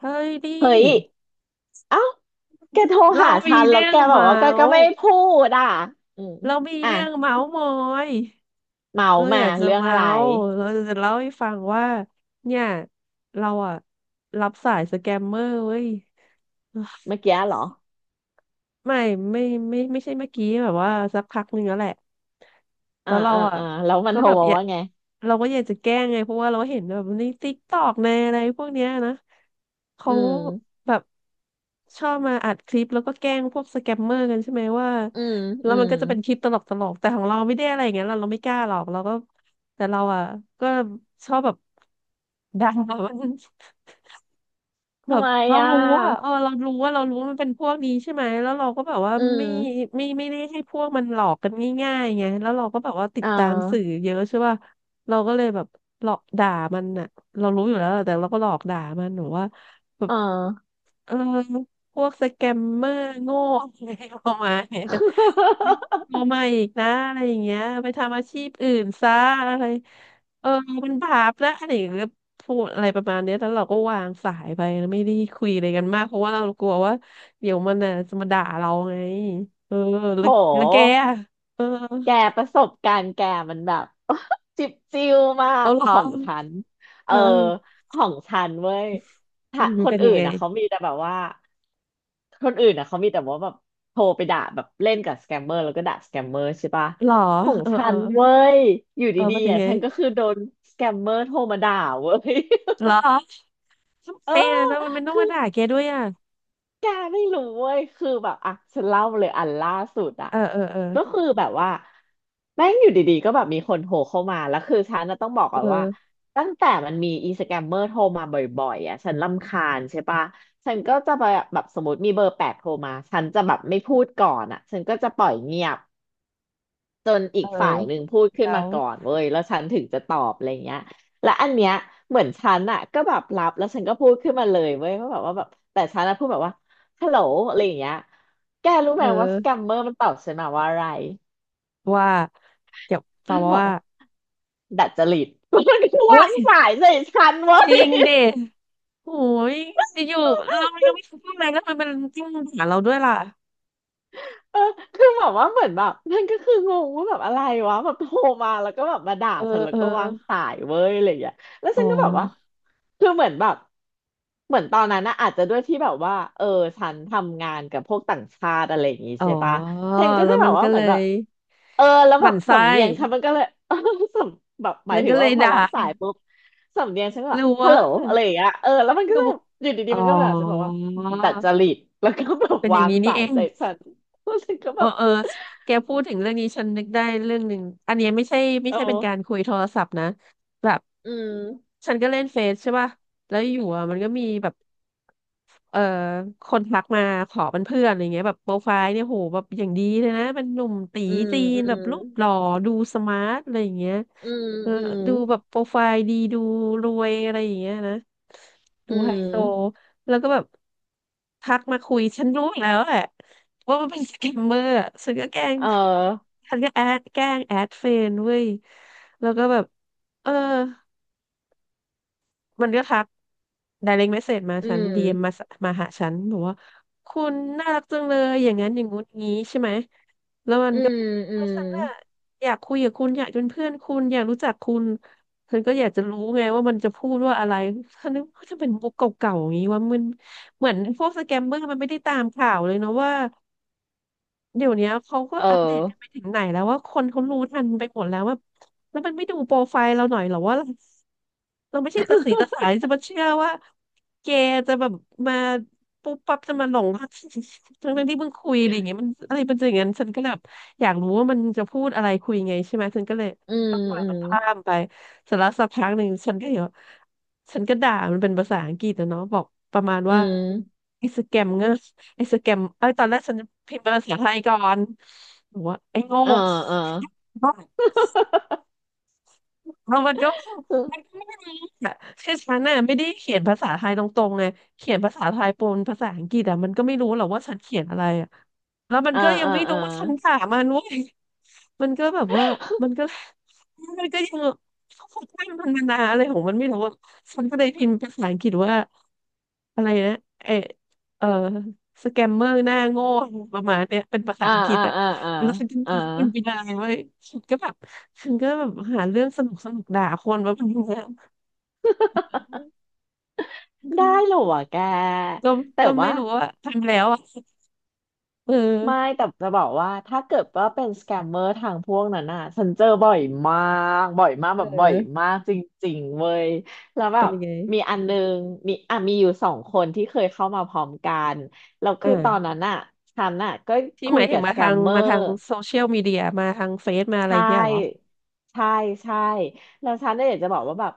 เฮ้ยดิเฮ้ยเอ้าแกโทรเราหามีฉันแล้เรื่วองแกแบบเมาว่าแกก็ส์ไม่พูดอ่ะอืมเรามีอ่ะเรื่องเมาส์มอยเมาเราอมายากจะเรื่องเมาอะไรส์เราจะเล่าให้ฟังว่าเนี่ยเราอะรับสายสแกมเมอร์เว้ย เมื่อกี้เหรอไม่ไม่ไม่ไม่ใช่เมื่อกี้แบบว่าสักพักหนึ่งแล้วแหละแล้อ่าวเราอ่าอ่ะอ่าแล้วมันก็โทรแบบมาอยากว่าไงเราก็อยากจะแกล้งไงเพราะว่าเราเห็นแบบในติ๊กตอกในอะไรพวกเนี้ยนะเขาอืมแบบชอบมาอัดคลิปแล้วก็แกล้งพวกสแกมเมอร์กันใช่ไหมว่าอืมแล้อืวมันมก็จะเป็นคลิปตลกตลกแต่ของเราไม่ได้อะไรอย่างเงี้ยเราไม่กล้าหรอกเราก็แต่เราอ่ะก็ชอบแบบ ด่ามัน แบทำบไมเราอ่ะรู้อะเออเรารู้ว่าเรารู้ว่ามันเป็นพวกนี้ใช่ไหมแล้วเราก็แบบว่าอืมไม่ไม่ได้ให้พวกมันหลอกกันง่ายๆไงแล้วเราก็แบบว่าติดอ่ตามสื่อาเยอะใช่ป่ะเราก็เลยแบบหลอกด่ามันอะเรารู้อยู่แล้วแะแต่เราก็หลอกด่ามันหรืว่าแบบอ่า เออพวกสแกมเมอร์โง่อะไรประมาณเนี้ยเอามาอีกนะอะไรอย่างเงี้ยไปทำอาชีพอื่นซะอะไรเออมันบาปแล้วอะไรอย่างเงี้ย พูดอะไรประมาณเนี้ยแล้วเราก็วางสายไปแล้วไม่ได้คุยอะไรกันมากเพราะว่าเรากลัวว่าเดี๋ยวมันน่ะจะมาด่าเราไงเออ โแล้วแล้วแกหอะเออแกประสบการณ์แกมันแบบจิบจิ้วมาเอากเหรขอองฉันเอเอออของฉันเว้ยอืถ้ามคนเป็นอื่ยังนไงนะเขามีแต่แบบว่า คนอื่นอ่ะเขามีแต่ว่าแบบโทรไปด่าแบบเล่นกับสแกมเมอร์แล้วก็ด่าสแกมเมอร์ใช่ปะเหรอของเออฉัเออนเว้ยอยู่เออดีเป็นๆยังอ่ะไงฉันก็คือโดนสแกมเมอร์โทรมาด่าเว้ย เหรอทำ เอไมออ่ะทำไมมันต้องคืมาอ ด่าแกด้วยอ่ะแกไม่รู้เว้ยคือแบบอ่ะฉันเล่าเลยอันล่าสุดอ่ะเออเออเออก็คือแบบว่าแม่งอยู่ดีๆก็แบบมีคนโทรเข้ามาแล้วคือฉันน่ะต้องบอกเก่อนว่าออตั้งแต่มันมีอีสแกมเมอร์โทรมาบ่อยๆอ่ะฉันรำคาญใช่ปะฉันก็จะแบบสมมติมีเบอร์แปดโทรมาฉันจะแบบไม่พูดก่อนอ่ะฉันก็จะปล่อยเงียบ จนอีเออกฝ่ายหนึ่งพูดขึ้นแล้มาวก่อนเว้ยแล้วฉันถึงจะตอบอะไรเงี้ยและอันเนี้ยเหมือนฉันอะก็แบบรับแล้วฉันก็พูดขึ้นมาเลยเว้ยว่าแบบว่าแบบแต่ฉันอะพูดแบบว่าฮัลโหลอะไรอย่างเงี้ยแกรู้เอไหมว่าอสแกมเมอร์มันตอบฉันมาว่าอะไรว่าเดี๋ยวตอบมันมาบอกว่าว่าดัดจริตมันก็โอ๊วายงสายใส่ฉันจเว้ริย งดิ โอ้ยอยู่ๆเรายังไม่คิดว่าอะไรแล้วมันเป็นจิ้งหาเราด้วยล่ะเออคือแบบว่าเหมือนแบบนั่นก็คืองงว่าแบบอะไรวะแบบโทรมาแล้วก็แบบมาด่าเออฉันแล้เอวอก็วางสายเว้ยอะไรอย่างเงี้ยแล้วอ๋อ ฉันก็แบบว่าคือเหมือนแบบเหมือนตอนนั้นนะอาจจะด้วยที่แบบว่าเออฉันทำงานกับพวกต่างชาติอะไรอย่างงี้อ๋อใช่ปะฉันก็แล้จะวแบมันบว่าก็เหเลมือนแบบยเออแล้วหแบมั่บนไส้สำเนียงฉันมันก็เลย เออสำแบบหมาแล้ยวถึก็งเลว่ายพอด่ารับสายปุ๊บสำเนียงฉันก็หแบรืบอฮัว่าลโหลอะไรอย่างเงี้ยเออแล้วมันหก็รือจะว่าอยู่ดีอ๋อๆมันก็มาด่าฉันบอกว่าดัดจริตแล้วก็แบบเป็นอย่าวางงนี้นี่สาเอยงใส่ฉัน รู้สึกก็เอแบอบเออแกพูดถึงเรื่องนี้ฉันนึกได้เรื่องหนึ่งอันเนี้ยไม่ใช่ไม่โอ้ใช่เป็นการคุยโทรศัพท์นะแบบอืมฉันก็เล่นเฟซใช่ป่ะแล้วอยู่อ่ะมันก็มีแบบ เอ่อคนทักมาขอเป็นเพื่อนอะไรเงี้ยแบบโปรไฟล์เนี่ยโหแบบอย่างดีเลยนะเป็นหนุ่มตีอืมจีนอืแบบมรูปหล่อดูสมาร์ทอะไรอย่างเงี้ยอืมเอออืมดูแบบโปรไฟล์ดีดูรวยอะไรอย่างเงี้ยนะดูอืไฮโซมแล้วก็แบบทักมาคุยฉันรู้อยู่แล้วแหละว่ามันเป็นสแกมเมอร์อะฉันก็แกล้งเออฉันก็แอดแกล้งแอดเฟรนด์เว้ยแล้วก็แบบเออ มันก็ทัก direct message มาอืฉัน DM มมมาสมาหาฉันบอกว่าคุณน่ารักจังเลยอย่างนั้นอย่างงู้นอย่างงี้ใช่ไหมแล้วมันอืก็มอืว่ามฉันอะอยากคุยกับคุณอยากเป็นเพื่อนคุณอยากรู้จักคุณฉันก็อยากจะรู้ไงว่ามันจะพูดว่าอะไรฉันนึกว่าจะเป็นมุกเก่าๆอย่างนี้ว่ามันเหมือนพวกสแกมเมอร์มันไม่ได้ตามข่าวเลยเนาะว่า เดี๋ยวเนี้ยเขาก็เออัปเดตอกันไปถึงไหนแล้วว่าคนเขารู้ทันไปหมดแล้วว่าแล้วมันไม่ดูโปรไฟล์เราหน่อยเหรอว่าเราไม่ใช่ตาสีตาสายจะมาเชื่อว่าแกจะแบบมาปุ๊บปั๊บจะมาหลงรัก ทั้งๆที่เพิ่งคุยอะไรอย่างเงี้ยมันอะไรเป็นอย่างนั้นฉันก็แบบอยากรู้ว่ามันจะพูดอะไรคุยไงใช่ไหมฉันก็เลยอืมต้องปล่อยอืมัมนข้ามไปเสร็จแล้วสักพักหนึ่งฉันก็เห็นว่าฉันก็ด่ามันเป็นภาษาอังกฤษนะเนาะบอกประมาณอืว่ามไอ้สแกมเงอร์ ไอ้สแกมเอ้ยตอนแรกฉันพิมพ์เป็นภาษาไทยก่อนบอกว่าไอ้โง่ อ่าอ่าเออมันก็ไม่รู้อะคือฉันน่ะไม่ได้เขียนภาษาไทยตรงๆไงเขียนภาษาไทยปนภาษาอังกฤษอะมันก็ไม่รู้หรอกว่าฉันเขียนอะไรอะแล้วมันอ่าก็ยังอ่าไม่อ่รู้ว่าฉันถามมันเว้ยมันก็แบบว่ามันก็มันก็ยังเขาตั้งมันมานานอะไรของมันไม่รู้อะฉันก็เลยพิมพ์ภาษาอังกฤษว่าอะไรนะเออเออสแกมเมอร์หน้าโง่ประมาณเนี้ยเป็นภาษาาอ่าอังกฤษอ่าอะอ่าอ่าแล้วฉันอ่าก็พิมพ์มันไปนานเว้ยฉันก็แบบ ฉันก็แบบหาเรื่องสนุกสนุกด่าคนแบบนี้ยได้เหรอวะแกก็แต่ก็ไม่ว่า รู้ว่าทำแล้วอ่ะเอไม่อแต่จะบอกว่าถ้าเกิดว่าเป็นสแกมเมอร์ทางพวกนั้นน่ะฉันเจอบ่อยมากเแบบบ่อยออมากจริงๆเว้ยแล้วแบเป็นบยังไงมีอันนึงมีอ่ะมีอยู่สองคนที่เคยเข้ามาพร้อมกันแล้วคือตอนอ่านั้นน่ะฉันน่ะก็ที่คุหมายยถึกังบสมาแกทามงเมอมาทาร์ งโซเชียลมีเดียมาทางเฟซมาอะใชไรเงี้ยเหรอ่ใช่ใช่แล้วฉันเนี่ยอยากจะบอกว่าแบบ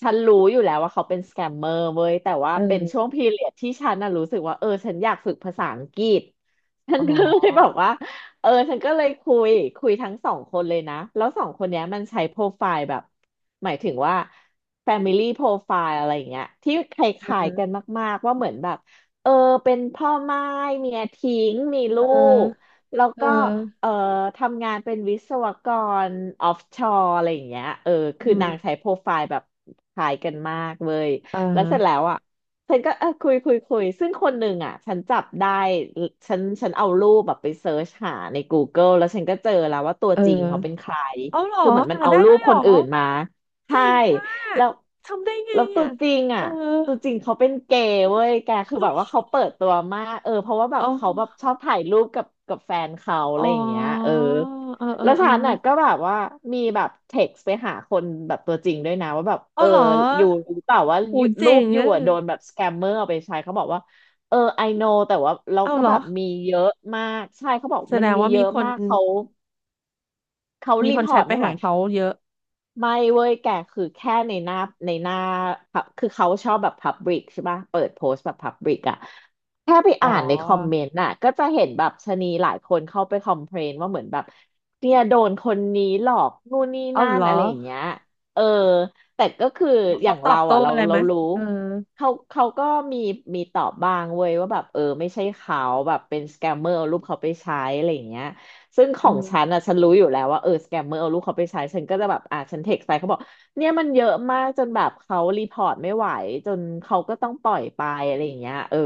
ฉันรู้อยู่แล้วว่าเขาเป็นสแกมเมอร์เว้ยแต่ว่าเอเป็นช่อวงพีเรียดที่ฉันน่ะรู้สึกว่าเออฉันอยากฝึกภาษาอังกฤษฉัอ๋นก็เลยบออกว่าเออฉันก็เลยคุยทั้งสองคนเลยนะแล้วสองคนเนี้ยมันใช้โปรไฟล์แบบหมายถึงว่า Family Profile อะไรอย่างเงี้ยที่คล้ายเออๆกันมากๆว่าเหมือนแบบเออเป็นพ่อม่ายเมียทิ้งมีลูกแล้วเก็ ออเอ่อทำงานเป็นวิศวกรออฟชอร์อะไรอย่างเงี้ยเอออืคือนางมใช้โปรไฟล์แบบคล้ายกันมากเว้ยอ่แล้วเสร็จแล้าวอ่ะฉันก็เออคุยซึ่งคนหนึ่งอ่ะฉันจับได้ฉันเอารูปแบบไปเซิร์ชหาใน Google แล้วฉันก็เจอแล้วว่าตัวเอจริงเขาเป็นอใครเอาเหรอคือเหมือนมันหาเอาได้รูด้วปยเหครนออื่นมาใช่ เจ๋งอ่ะแล้วทำได้ไงตัวอ่ะจริงเอออ่ะตัวจริงเขาเป็นเกย์เว้ยแกคือแบบว่าเขาเปิดตัวมากเออเพราะว่าแบออ๋บเขาแบบอชอบถ่ายรูปกับแฟนเขาอะอ๋อไรอย่างเงี้ยเออเออเออแล้วเออ ฉันน่ะก็แบบว่ามีแบบเท็กซ์ไปหาคนแบบตัวจริงด้วยนะว่าแบบเอเอาอเหรออยู่รู้เปล่าว่าอุ้ยูยรูเจ๋ปงอยู่อะอะโดนแบบสแกมเมอร์เอาไปใช้เขาบอกว่าเออ I know แต่ว่าเราเอาก็เหรอ แบบมีเยอะมากใช่เขาบอกแสมัดนงมีว่าเยมีอะคนมากเขาเขามีรีคนพแชอร์ทตไปไม่ไหว หาเขาเยอะไม่เว้ยแกคือแค่ในหน้าในหน้า pub- คือเขาชอบแบบพับลิกใช่ป่ะเปิดโพสต์แบบพับลิกอะแค่ไปอ๋ออ่านในคอมเมนต์น่ะก็จะเห็นแบบชะนีหลายคนเข้าไปคอมเพลนว่าเหมือนแบบเนี่ยโดนคนนี้หลอกนู่นนี่เอานั่เหนรออะไรอย่างเงี้ยเออแต่ก็คือแล้วอเขาย่างตอเราบโต้อ่ะอะไรไหเรามรู้เออเขาก็มีตอบบ้างเว้ยว่าแบบเออไม่ใช่เขาแบบเป็นสแกมเมอร์เอารูปเขาไปใช้อะไรอย่างเงี้ย ซึ่งขเอองฉันออ่ะฉันรู้อยู่แล้วว่าสแกมเมอร์เอาลูกเขาไปใช้ฉันก็จะแบบอ่ะฉันเทคไปเขาบอกเนี่ยมันเยอะมากจนแบบเขารีพอร์ตไม่ไหวจนเขาก็ต้องปล่อยไปอะไรอย่างเงี้ยเออ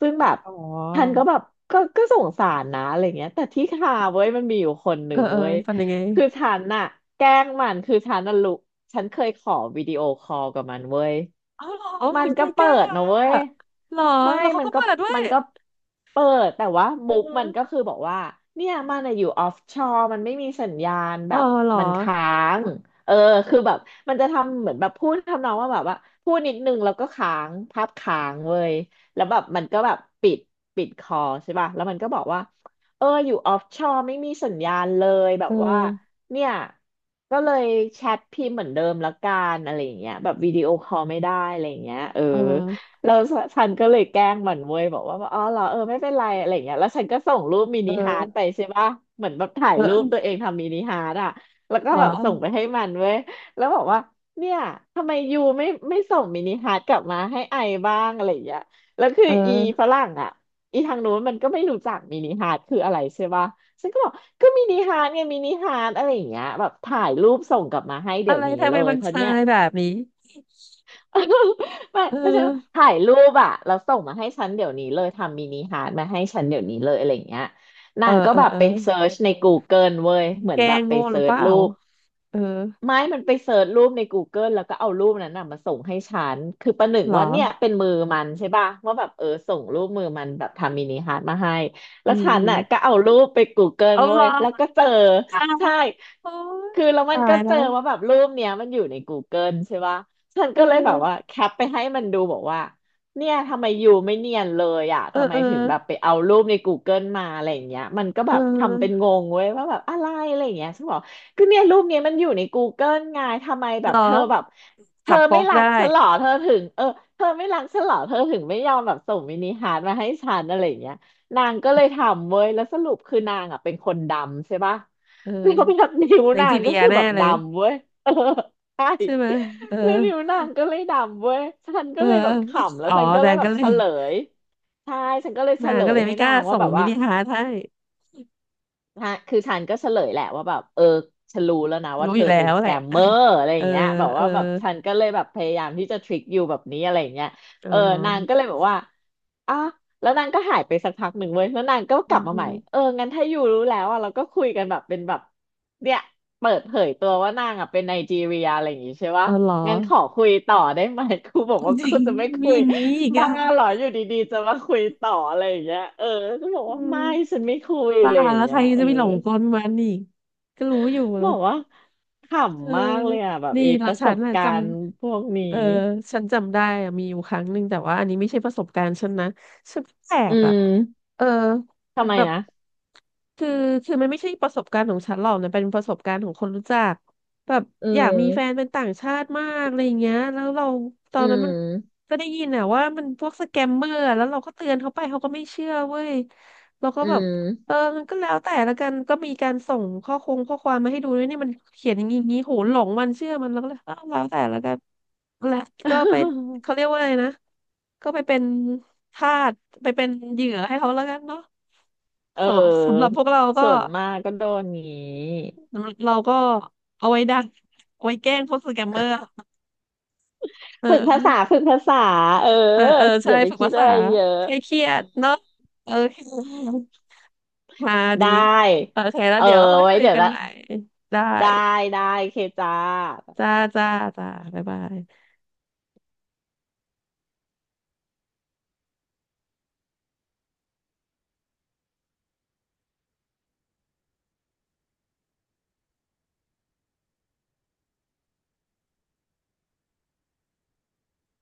ซึ่งแบบอ๋ฉันอก็แบบก็สงสารนะอะไรเงี้ยแต่ที่คาเว้ยมันมีอยู่คนหเอนึ่อ งเออเว้ยฟันยังไงคือฉันน่ะแกล้งมันคือฉันน่ะรู้ฉันเคยขอวิดีโอคอลกับมันเว้ย เอาเหรอโอ้มัยนใจก็กเปิล้าดอะนะเว้ยเหรอไม่แล้วเขามันก็ก็เปิดด้วยมันก็เปิดแต่ว่าอืมุอกฮึมันก็คือบอกว่าเนี่ยมันอะอยู่ออฟชอร์มันไม่มีสัญญาณเอแบอบเหรอมันค้างเออคือแบบมันจะทำเหมือนแบบพูดทำนองว่าแบบว่าพูดนิดนึงแล้วก็ค้างภาพค้างเว้ยแล้วแบบมันก็แบบปิดปิดคอใช่ป่ะแล้วมันก็บอกว่าเอออยู่ออฟชอร์ไม่มีสัญญาณเลยแบเอบว่า อเนี่ยก็เลยแชทพิมพ์เหมือนเดิมละกันอะไรอย่างเงี้ยแบบวิดีโอคอลไม่ได้อะไรอย่างเงี้ยเออเออแล้วฉันก็เลยแกล้งมันเว้ยบอกว่าอ๋อเหรอเออไม่เป็นไรอะไรอย่างเงี้ยแล้วฉันก็ส่งรูปมิเนิฮาร์ทไปออใช่ป่ะเหมือนแบบถ่ายเออรูเออปตัวเองทำมินิฮาร์ทอ่ะแล้วก็เหรอ แบบส่งไปให้มันเว้ยแล้วบอกว่าเนี่ยทำไมยูไม่ส่งมินิฮาร์ทกลับมาให้ไอบ้างอะไรอย่างเงี้ยแล้วคืเออีออฝรั่งอ่ะอีทางนู้นมันก็ไม่รู้จักมินิฮาร์ทคืออะไรใช่ป่ะ ฉันก็บอกก็มินิฮาร์ทไงมินิฮาร์ทอะไรอย่างเงี้ยแบบถ่ายรูปส่งกลับมาให้อะเดี๋ยไรวนี้ทำเลไมยมันเพราะชาเนี้ย ยแบบนี้ ไม่เอไม่ใช่อว่าถ่ายรูปอะแล้วส่งมาให้ฉันเดี๋ยวนี้เลยทำมินิฮาร์ทมาให้ฉันเดี๋ยวนี้เลยอะไรอย่างเงี้ยเอนาองก็เออแบบเออไปเซิร์ชใน Google เว้ยเหมือแกนล้แบงบไปโง่หเซิรือร์เปชล่ารูป เออ ไม่มันไปเสิร์ชรูปใน Google แล้วก็เอารูปนั้นน่ะมาส่งให้ฉันคือประหนึ่งเหรอว่าเนี่ยเป็นมือมันใช่ป่ะว่าแบบเออส่งรูปมือมันแบบทำมินิฮาร์ดมาให้อืแล้วมฉัอืนมน่ะก็เอารูปไปกูเกิลเอาเว้เหรอยแล้วก็เจออ้าวใช่โอ๊ยคือแล้วมันตาก็ยเจแล้อวว่าแบบรูปเนี้ยมันอยู่ใน Google ใช่ป่ะฉันเอก็เลยแบบว่าอแคปไปให้มันดูบอกว่าเนี่ยทำไมอยูไม่เนียนเลยอ่ะเออทำไมเออถึงแบบไปเอารูปในก o เกิลมาอะไรอย่างเงี้ยมันก็เอแบบทำเป็นองงเว้ยว่าแบบอะไรอะไรอย่างเงี้ยฉันบอก ก็เนี่ยรูปเนี้ยมันอยู่ใน Google ไงทำไมแบบเธอแบบเธจัอบไม่โป๊กรักได้ฉันเหรอเธอถึงเออเธอไม่รักฉันเหรอเธอถึงไม่ยอมแบบส่งมินิฮาร์ทมาให้ฉันอะไรอย่างเงี้ยนางก็เลยทำเว้ยแล้วสรุปคือนางอ่ะเป็นคนดำใช่ปะ เอ แล้วอแบบนิ้วไนนาจีงก็เรียคือแบแน่บเลยดำเว้ย เออใช่ใช่ไหมเออแล้วนิ้วนางก็เลยดำเว้ยฉันเอก็อเลยแบบขำแล้วอ๋อฉันก็แดเลยนแบก็บเลเฉยลยใช่ฉันก็เลยเฉนางลก็ยเลยให้ไม่กนาล้างส่ว่างแบบมิว่า นิฮาร์ทให้ฮะคือฉันก็เฉลยแหละว่าแบบเออฉันรู้แล้วนะว่ารู้เธออยู่แล้เป็นวสแหแกละ มเมอ ร์อะไรอเอย่าองเงี้ยแบบเออว่าแบบฉันก็เลยแบบพยายามที่จะทริคยูแบบนี้อะไรอย่างเงี้ยอ๋อเออนางก็เลยบอกว่าอ่ะแล้วนางก็หายไปสักพักหนึ่งเว้ย แล้วนางก็อืกลับมมาอืใหม่มเอองั้นถ้ายูรู้แล้วอ่ะเราก็คุยกันแบบเป็นแบบเนี่ยเปิดเผยตัวว่านางอ่ะเป็นไนจีเรียอะไรอย่างงี้ใช่อ๋ปะอเหรองั้นขอคุยต่อได้ไหมกูบอกเอาว่าจริกูงจะไม่มีคุย อย่างนี้อีกบ้าอ่ะเหรออยู่ดีๆจะมาคุยต่ออะไรอย่างเงี้ยเออก็บอกอืว่ามไม่ฉันไม่คุยบ้าอะไรอย่างแล้วเงี้ใคยรเอจะอไปหลงกลมันอีกก็รู้อยู่ บอกว่าขเออำมากเลยอ่ะแบบดีไอีปนะระสฉันบน่ะกาจรณ์พวกนี้ำเออฉันจำได้อะมีอยู่ครั้งหนึ่งแต่ว่าอันนี้ไม่ใช่ประสบการณ์ฉันนะฉันแออืบอ่ะมเออทำไมแบบนะคือคือมันไม่ใช่ประสบการณ์ของฉันหรอกนะเป็นประสบการณ์ของคนรู้จักแบบอือยากมีแฟนเป็มนต่างชาติมากอะไรอย่างเงี้ยแล้วเราตออืนนั้นมันมก็ได้ยินอ่ะว่ามันพวกสแกมเมอร์อะแล้วเราก็เตือนเขาไปเขาก็ไม่เชื่อเว้ยเราก็อืแบบ ม เออมันก็แล้วแต่ละกันก็มีการส่งข้อคงข้อความมาให้ดูด้วยนี่มันเขียนอย่างนี้อย่างนี้โหหลงมันเชื่อมันแล้วก็เลยเออแล้วแต่ละกันและก็เป็น เขาเรียกว่าอะไรนะก็ไปเป็นทาสไปเป็นเหยื่อให้เขาแล้วกันเนาะเสำหรับออพวกเราก็ส่วนมากก็โดนงี้เราก็เอาไว้ดักเอาไว้แกล้งพวกสแกมเมอร์เอฝึกภาษาอฝึกภาษาเออเออเอออใช่ย่าไปฝึกคิภาดษาอะไรเยอะให้เครียดเนาะโอเคมาดีได้โอเคแล้วเออเดี๋ยวค่อยไว้คุยเดี๋ยวกันละใหม่ได้ ได้ได้เคจ้าจ้าจ้าจ้าบ๊ายบาย